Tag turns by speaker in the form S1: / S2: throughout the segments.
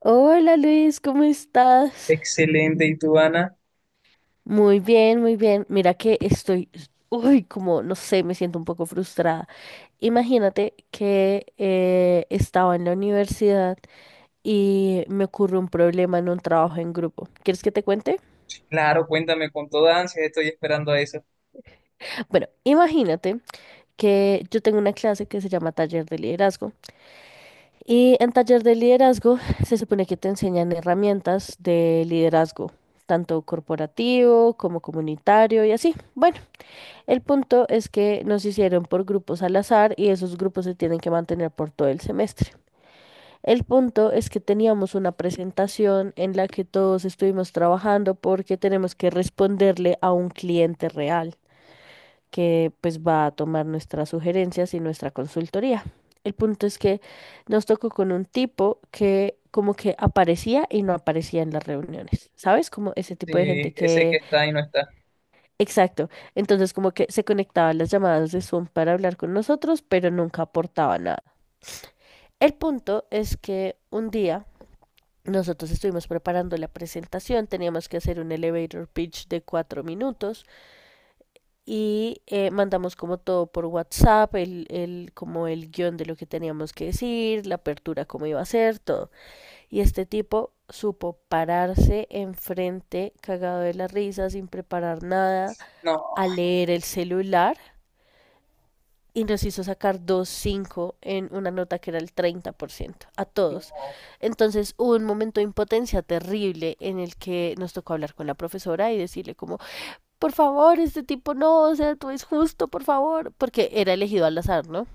S1: Hola Luis, ¿cómo estás?
S2: Excelente, ¿y tú, Ana?
S1: Muy bien, muy bien. Mira que estoy, uy, como, no sé, me siento un poco frustrada. Imagínate que estaba en la universidad y me ocurre un problema en un trabajo en grupo. ¿Quieres que te cuente?
S2: Claro, cuéntame con toda ansia, estoy esperando a eso.
S1: Bueno, imagínate que yo tengo una clase que se llama Taller de Liderazgo. Y en Taller de Liderazgo se supone que te enseñan herramientas de liderazgo, tanto corporativo como comunitario y así. Bueno. El punto es que nos hicieron por grupos al azar y esos grupos se tienen que mantener por todo el semestre. El punto es que teníamos una presentación en la que todos estuvimos trabajando porque tenemos que responderle a un cliente real que pues va a tomar nuestras sugerencias y nuestra consultoría. El punto es que nos tocó con un tipo que como que aparecía y no aparecía en las reuniones, ¿sabes? Como ese tipo de gente
S2: Sí, ese que
S1: que...
S2: está y no está.
S1: Exacto. Entonces como que se conectaban las llamadas de Zoom para hablar con nosotros, pero nunca aportaba nada. El punto es que un día nosotros estuvimos preparando la presentación, teníamos que hacer un elevator pitch de 4 minutos y mandamos como todo por WhatsApp, como el guión de lo que teníamos que decir, la apertura, cómo iba a ser, todo. Y este tipo supo pararse enfrente, cagado de la risa, sin preparar nada,
S2: No,
S1: a leer el celular y nos hizo sacar 2.5 en una nota que era el 30% a todos.
S2: no.
S1: Entonces hubo un momento de impotencia terrible en el que nos tocó hablar con la profesora y decirle como, por favor, este tipo no, o sea, tú es justo, por favor, porque era elegido al azar, ¿no?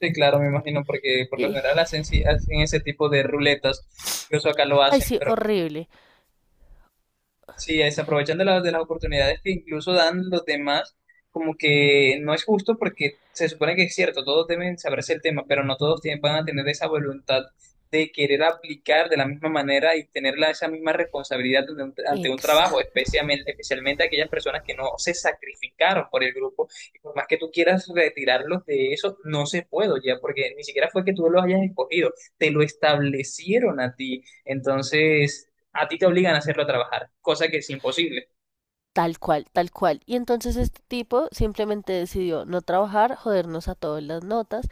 S2: Sí, claro, me imagino, porque por lo
S1: Y,
S2: general hacen, sí, hacen ese tipo de ruletas. Incluso acá lo
S1: ay,
S2: hacen,
S1: sí,
S2: pero
S1: horrible.
S2: sí, se aprovechan de las oportunidades que incluso dan los demás, como que no es justo porque se supone que es cierto, todos deben saberse el tema, pero no todos tienen, van a tener esa voluntad de querer aplicar de la misma manera y tener esa misma responsabilidad ante un trabajo,
S1: Exacto.
S2: especialmente aquellas personas que no se sacrificaron por el grupo. Y por más que tú quieras retirarlos de eso, no se puede ya, porque ni siquiera fue que tú los hayas escogido, te lo establecieron a ti. Entonces a ti te obligan a hacerlo trabajar, cosa que es imposible.
S1: Tal cual, tal cual. Y entonces este tipo simplemente decidió no trabajar, jodernos a todas las notas.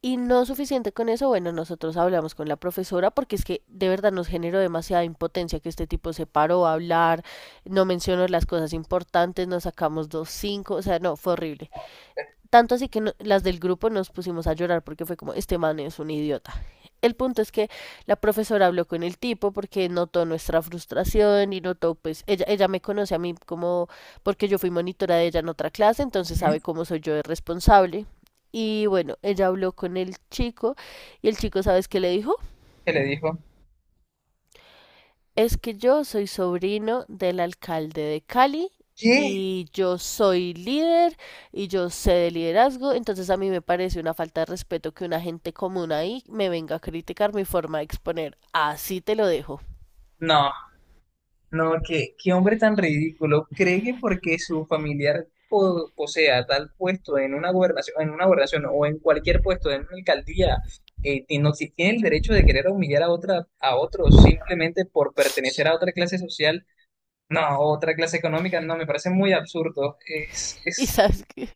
S1: Y no suficiente con eso, bueno, nosotros hablamos con la profesora porque es que de verdad nos generó demasiada impotencia que este tipo se paró a hablar, no mencionó las cosas importantes, nos sacamos 2.5, o sea, no, fue horrible. Tanto así que las del grupo nos pusimos a llorar porque fue como, este man es un idiota. El punto es que la profesora habló con el tipo porque notó nuestra frustración y notó, pues, ella me conoce a mí como, porque yo fui monitora de ella en otra clase, entonces
S2: ¿Mm?
S1: sabe cómo soy yo de responsable. Y bueno, ella habló con el chico y el chico, ¿sabes qué le dijo?
S2: ¿Qué le dijo?
S1: Es que yo soy sobrino del alcalde de Cali
S2: ¿Qué?
S1: y yo soy líder y yo sé de liderazgo, entonces a mí me parece una falta de respeto que una gente común ahí me venga a criticar mi forma de exponer. Así te lo dejo.
S2: No, no, qué hombre tan ridículo. ¿Cree que porque su familiar posea tal puesto en una gobernación o en cualquier puesto en una alcaldía, no tiene el derecho de querer humillar a a otros simplemente por pertenecer a otra clase social? No, otra clase económica, no, me parece muy absurdo. Es,
S1: Y
S2: es,
S1: sabes que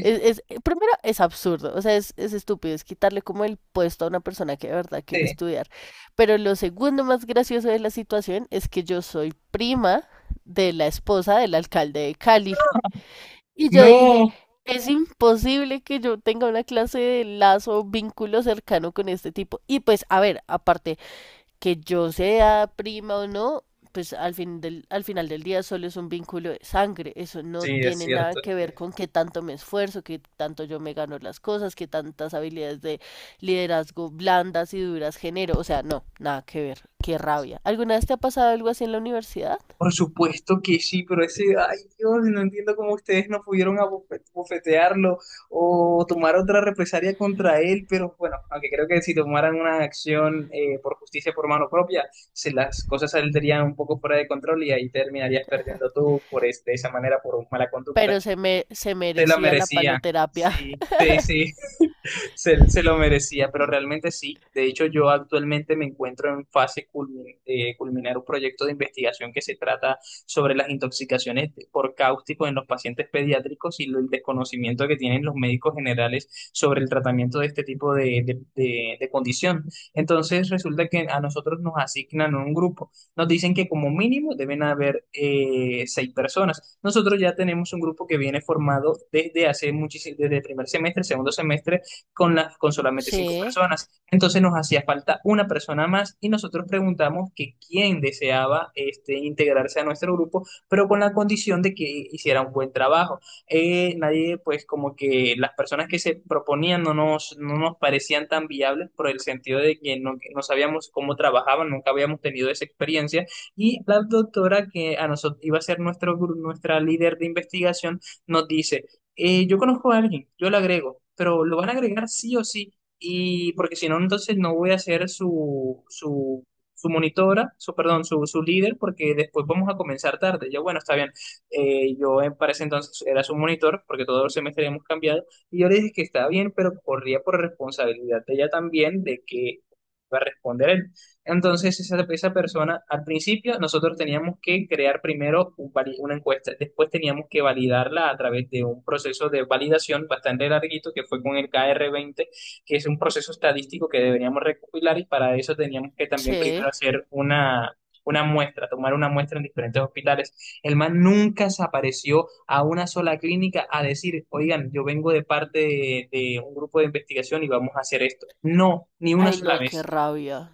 S1: primero es absurdo, o sea, es estúpido, es quitarle como el puesto a una persona que de verdad quiere
S2: este,
S1: estudiar. Pero lo segundo más gracioso de la situación es que yo soy prima de la esposa del alcalde de Cali. Y yo dije,
S2: no.
S1: es imposible que yo tenga una clase de lazo o vínculo cercano con este tipo. Y pues, a ver, aparte, que yo sea prima o no, pues al final del día solo es un vínculo de sangre. Eso no
S2: Sí, es
S1: tiene nada
S2: cierto.
S1: que ver con qué tanto me esfuerzo, qué tanto yo me gano las cosas, qué tantas habilidades de liderazgo blandas y duras genero. O sea, no, nada que ver. Qué rabia. ¿Alguna vez te ha pasado algo así en la universidad?
S2: Por supuesto que sí, pero ese, ay Dios, no entiendo cómo ustedes no pudieron bofetearlo o tomar otra represalia contra él, pero bueno, aunque creo que si tomaran una acción por justicia por mano propia, se las cosas saldrían un poco fuera de control y ahí terminarías perdiendo tú por de esa manera por mala conducta.
S1: Pero se
S2: Se la
S1: merecía la
S2: merecía.
S1: paloterapia.
S2: Sí, sí, sí. Se lo merecía, pero realmente sí. De hecho, yo actualmente me encuentro en fase culminar un proyecto de investigación que se trata sobre las intoxicaciones por cáusticos en los pacientes pediátricos y el desconocimiento que tienen los médicos generales sobre el tratamiento de este tipo de condición. Entonces, resulta que a nosotros nos asignan un grupo. Nos dicen que como mínimo deben haber seis personas. Nosotros ya tenemos un grupo que viene formado desde hace muchísimo, desde el primer semestre, segundo semestre con, las con solamente cinco
S1: Sí,
S2: personas. Entonces nos hacía falta una persona más y nosotros preguntamos que quién deseaba este, integrarse a nuestro grupo, pero con la condición de que hiciera un buen trabajo. Nadie, pues como que las personas que se proponían no nos parecían tan viables por el sentido de que no sabíamos cómo trabajaban, nunca habíamos tenido esa experiencia y la doctora que a nosotros iba a ser nuestra líder de investigación nos dice, yo conozco a alguien, yo lo agrego, pero lo van a agregar sí o sí, y porque si no, entonces no voy a ser su monitora, su, perdón, su líder, porque después vamos a comenzar tarde. Ya bueno, está bien. Yo, para ese entonces era su monitor, porque todos los semestres hemos cambiado, y yo le dije que estaba bien, pero corría por responsabilidad de ella también de que iba a responder entonces, esa persona, al principio, nosotros teníamos que crear primero una encuesta, después teníamos que validarla a través de un proceso de validación bastante larguito que fue con el KR20, que es un proceso estadístico que deberíamos recopilar y para eso teníamos que también
S1: sí.
S2: primero hacer una muestra, tomar una muestra en diferentes hospitales. El man nunca se apareció a una sola clínica a decir, oigan, yo vengo de parte de un grupo de investigación y vamos a hacer esto. No, ni una
S1: Ay,
S2: sola
S1: no, qué
S2: vez.
S1: rabia.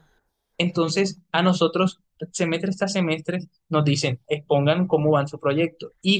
S2: Entonces, a nosotros, semestre tras semestre, nos dicen, expongan cómo van su proyecto. Y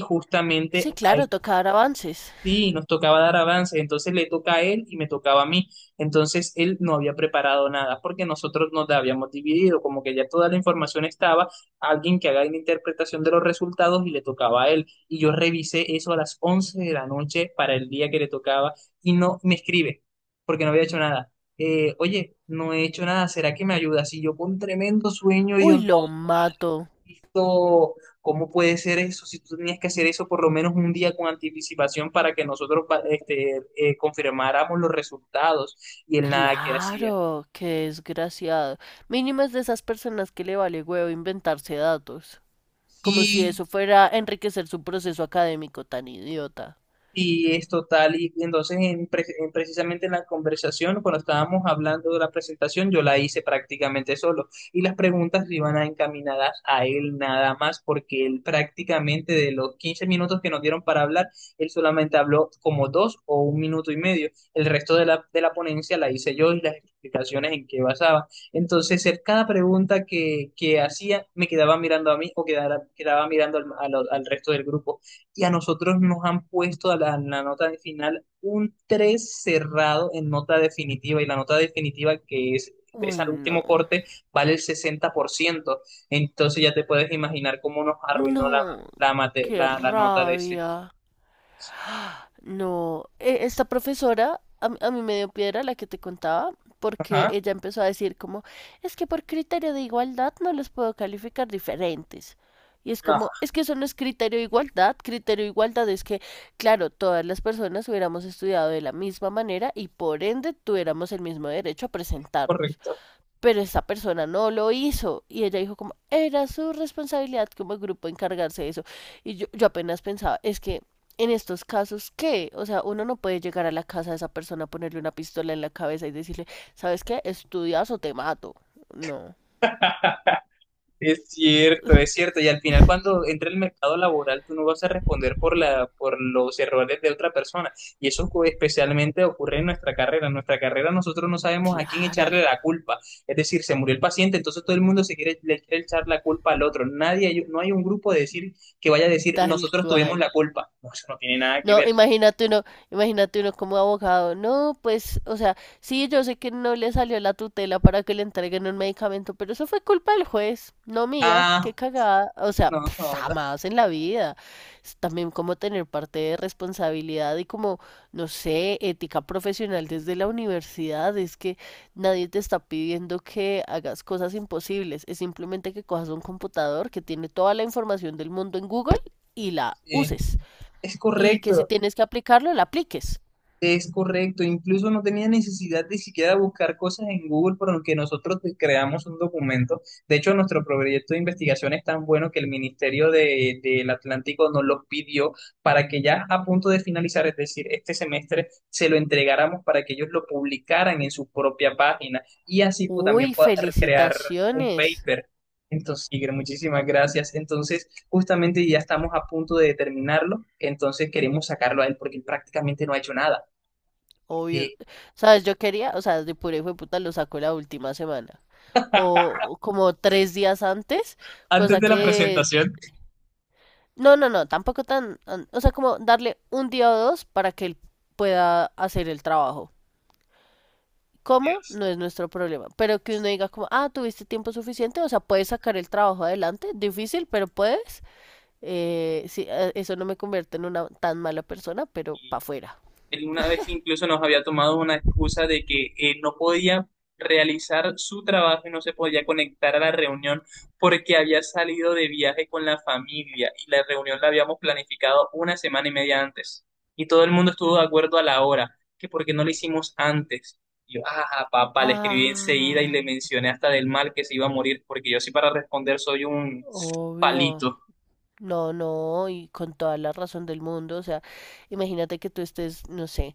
S1: Sí,
S2: justamente
S1: claro, toca dar avances.
S2: sí, nos tocaba dar avances, entonces le toca a él y me tocaba a mí. Entonces él no había preparado nada porque nosotros nos la habíamos dividido, como que ya toda la información estaba, alguien que haga una interpretación de los resultados y le tocaba a él. Y yo revisé eso a las 11 de la noche para el día que le tocaba y no me escribe porque no había hecho nada. Oye, no he hecho nada, ¿será que me ayuda? Y yo con tremendo sueño y yo
S1: Uy,
S2: no,
S1: lo mato.
S2: visto cómo puede ser eso, si tú tenías que hacer eso por lo menos un día con anticipación para que nosotros confirmáramos los resultados y él nada que hacía.
S1: Claro, qué desgraciado. Mínimo es de esas personas que le vale huevo inventarse datos. Como si
S2: Y
S1: eso fuera a enriquecer su proceso académico tan idiota.
S2: Y es total, y entonces en, pre- en precisamente en la conversación, cuando estábamos hablando de la presentación, yo la hice prácticamente solo y las preguntas no iban encaminadas a él nada más, porque él prácticamente de los 15 minutos que nos dieron para hablar, él solamente habló como dos o un minuto y medio. El resto de la ponencia la hice yo y las explicaciones en qué basaba. Entonces, él, cada pregunta que hacía me quedaba mirando a mí o quedaba mirando al al resto del grupo y a nosotros nos han puesto a la nota de final un 3 cerrado en nota definitiva y la nota definitiva que es
S1: Uy,
S2: al
S1: no.
S2: último corte vale el 60%. Entonces ya te puedes imaginar cómo nos arruinó
S1: No, qué
S2: la nota de ese.
S1: rabia. No, esta profesora a mí me dio piedra la que te contaba, porque
S2: Ajá.
S1: ella empezó a decir como, es que por criterio de igualdad no los puedo calificar diferentes. Y es
S2: Ah,
S1: como, es que eso no es criterio de igualdad es que, claro, todas las personas hubiéramos estudiado de la misma manera y por ende tuviéramos el mismo derecho a presentarnos,
S2: correcto.
S1: pero esta persona no lo hizo y ella dijo como era su responsabilidad como grupo encargarse de eso. Y yo, apenas pensaba es que en estos casos qué, o sea, uno no puede llegar a la casa de esa persona, ponerle una pistola en la cabeza y decirle, sabes qué, estudias o te mato. No.
S2: Es cierto, es cierto. Y al final, cuando entra el mercado laboral, tú no vas a responder por los errores de otra persona. Y eso especialmente ocurre en nuestra carrera. En nuestra carrera nosotros no sabemos a quién
S1: Claro.
S2: echarle la culpa. Es decir, se murió el paciente, entonces todo el mundo le quiere echar la culpa al otro. Nadie, no hay un grupo de decir que vaya a decir
S1: Tal
S2: nosotros tuvimos
S1: cual.
S2: la culpa. No, eso no tiene nada que
S1: No,
S2: ver.
S1: imagínate uno como abogado. No, pues, o sea, sí, yo sé que no le salió la tutela para que le entreguen un medicamento, pero eso fue culpa del juez, no mía. Qué
S2: Ah,
S1: cagada. O sea,
S2: no,
S1: pff,
S2: no,
S1: jamás en la vida. Es también como tener parte de responsabilidad y como, no sé, ética profesional desde la universidad. Es que nadie te está pidiendo que hagas cosas imposibles. Es simplemente que cojas un computador que tiene toda la información del mundo en Google y la
S2: sí,
S1: uses
S2: es
S1: y que si
S2: correcto.
S1: tienes que aplicarlo, la apliques.
S2: Es correcto, incluso no tenía necesidad de siquiera buscar cosas en Google por que nosotros creamos un documento. De hecho, nuestro proyecto de investigación es tan bueno que el Ministerio del Atlántico nos lo pidió para que ya a punto de finalizar, es decir, este semestre, se lo entregáramos para que ellos lo publicaran en su propia página y así pues, también
S1: Uy,
S2: poder crear un
S1: felicitaciones.
S2: paper. Entonces, Iker, muchísimas gracias. Entonces, justamente ya estamos a punto de terminarlo, entonces queremos sacarlo a él porque él prácticamente no ha hecho nada
S1: Obvio.
S2: eh,
S1: Sabes, o sea, de pura hijo de puta lo sacó la última semana. O como 3 días antes,
S2: antes
S1: cosa
S2: de la
S1: que...
S2: presentación.
S1: No, no, no, tampoco tan... O sea, como darle un día o dos para que él pueda hacer el trabajo. ¿Cómo?
S2: Dios.
S1: No es nuestro problema. Pero que uno diga como, ah, tuviste tiempo suficiente, o sea, puedes sacar el trabajo adelante. Difícil, pero puedes. Sí, eso no me convierte en una tan mala persona, pero para afuera.
S2: Él una vez incluso nos había tomado una excusa de que no podía realizar su trabajo y no se podía conectar a la reunión porque había salido de viaje con la familia y la reunión la habíamos planificado una semana y media antes. Y todo el mundo estuvo de acuerdo a la hora, que porque no lo hicimos antes. Y yo, ajá, papá, le escribí enseguida y
S1: Ah,
S2: le mencioné hasta del mal que se iba a morir, porque yo sí para responder soy un
S1: obvio.
S2: palito.
S1: No, no, y con toda la razón del mundo, o sea, imagínate que tú estés, no sé,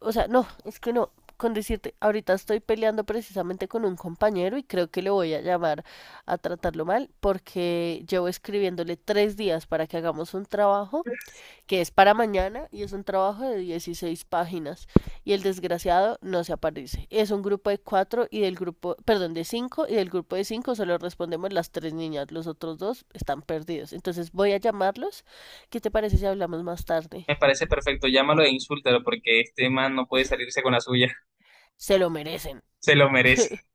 S1: o sea, no, es que no, con decirte, ahorita estoy peleando precisamente con un compañero y creo que le voy a llamar a tratarlo mal porque llevo escribiéndole 3 días para que hagamos un trabajo que es para mañana y es un trabajo de 16 páginas y el desgraciado no se aparece. Es un grupo de cuatro y del grupo, perdón, de cinco y del grupo de cinco solo respondemos las tres niñas, los otros dos están perdidos. Entonces voy a llamarlos. ¿Qué te parece si hablamos más tarde?
S2: Me parece perfecto, llámalo e insúltalo porque este man no puede salirse con la suya,
S1: Se lo merecen.
S2: se lo merece.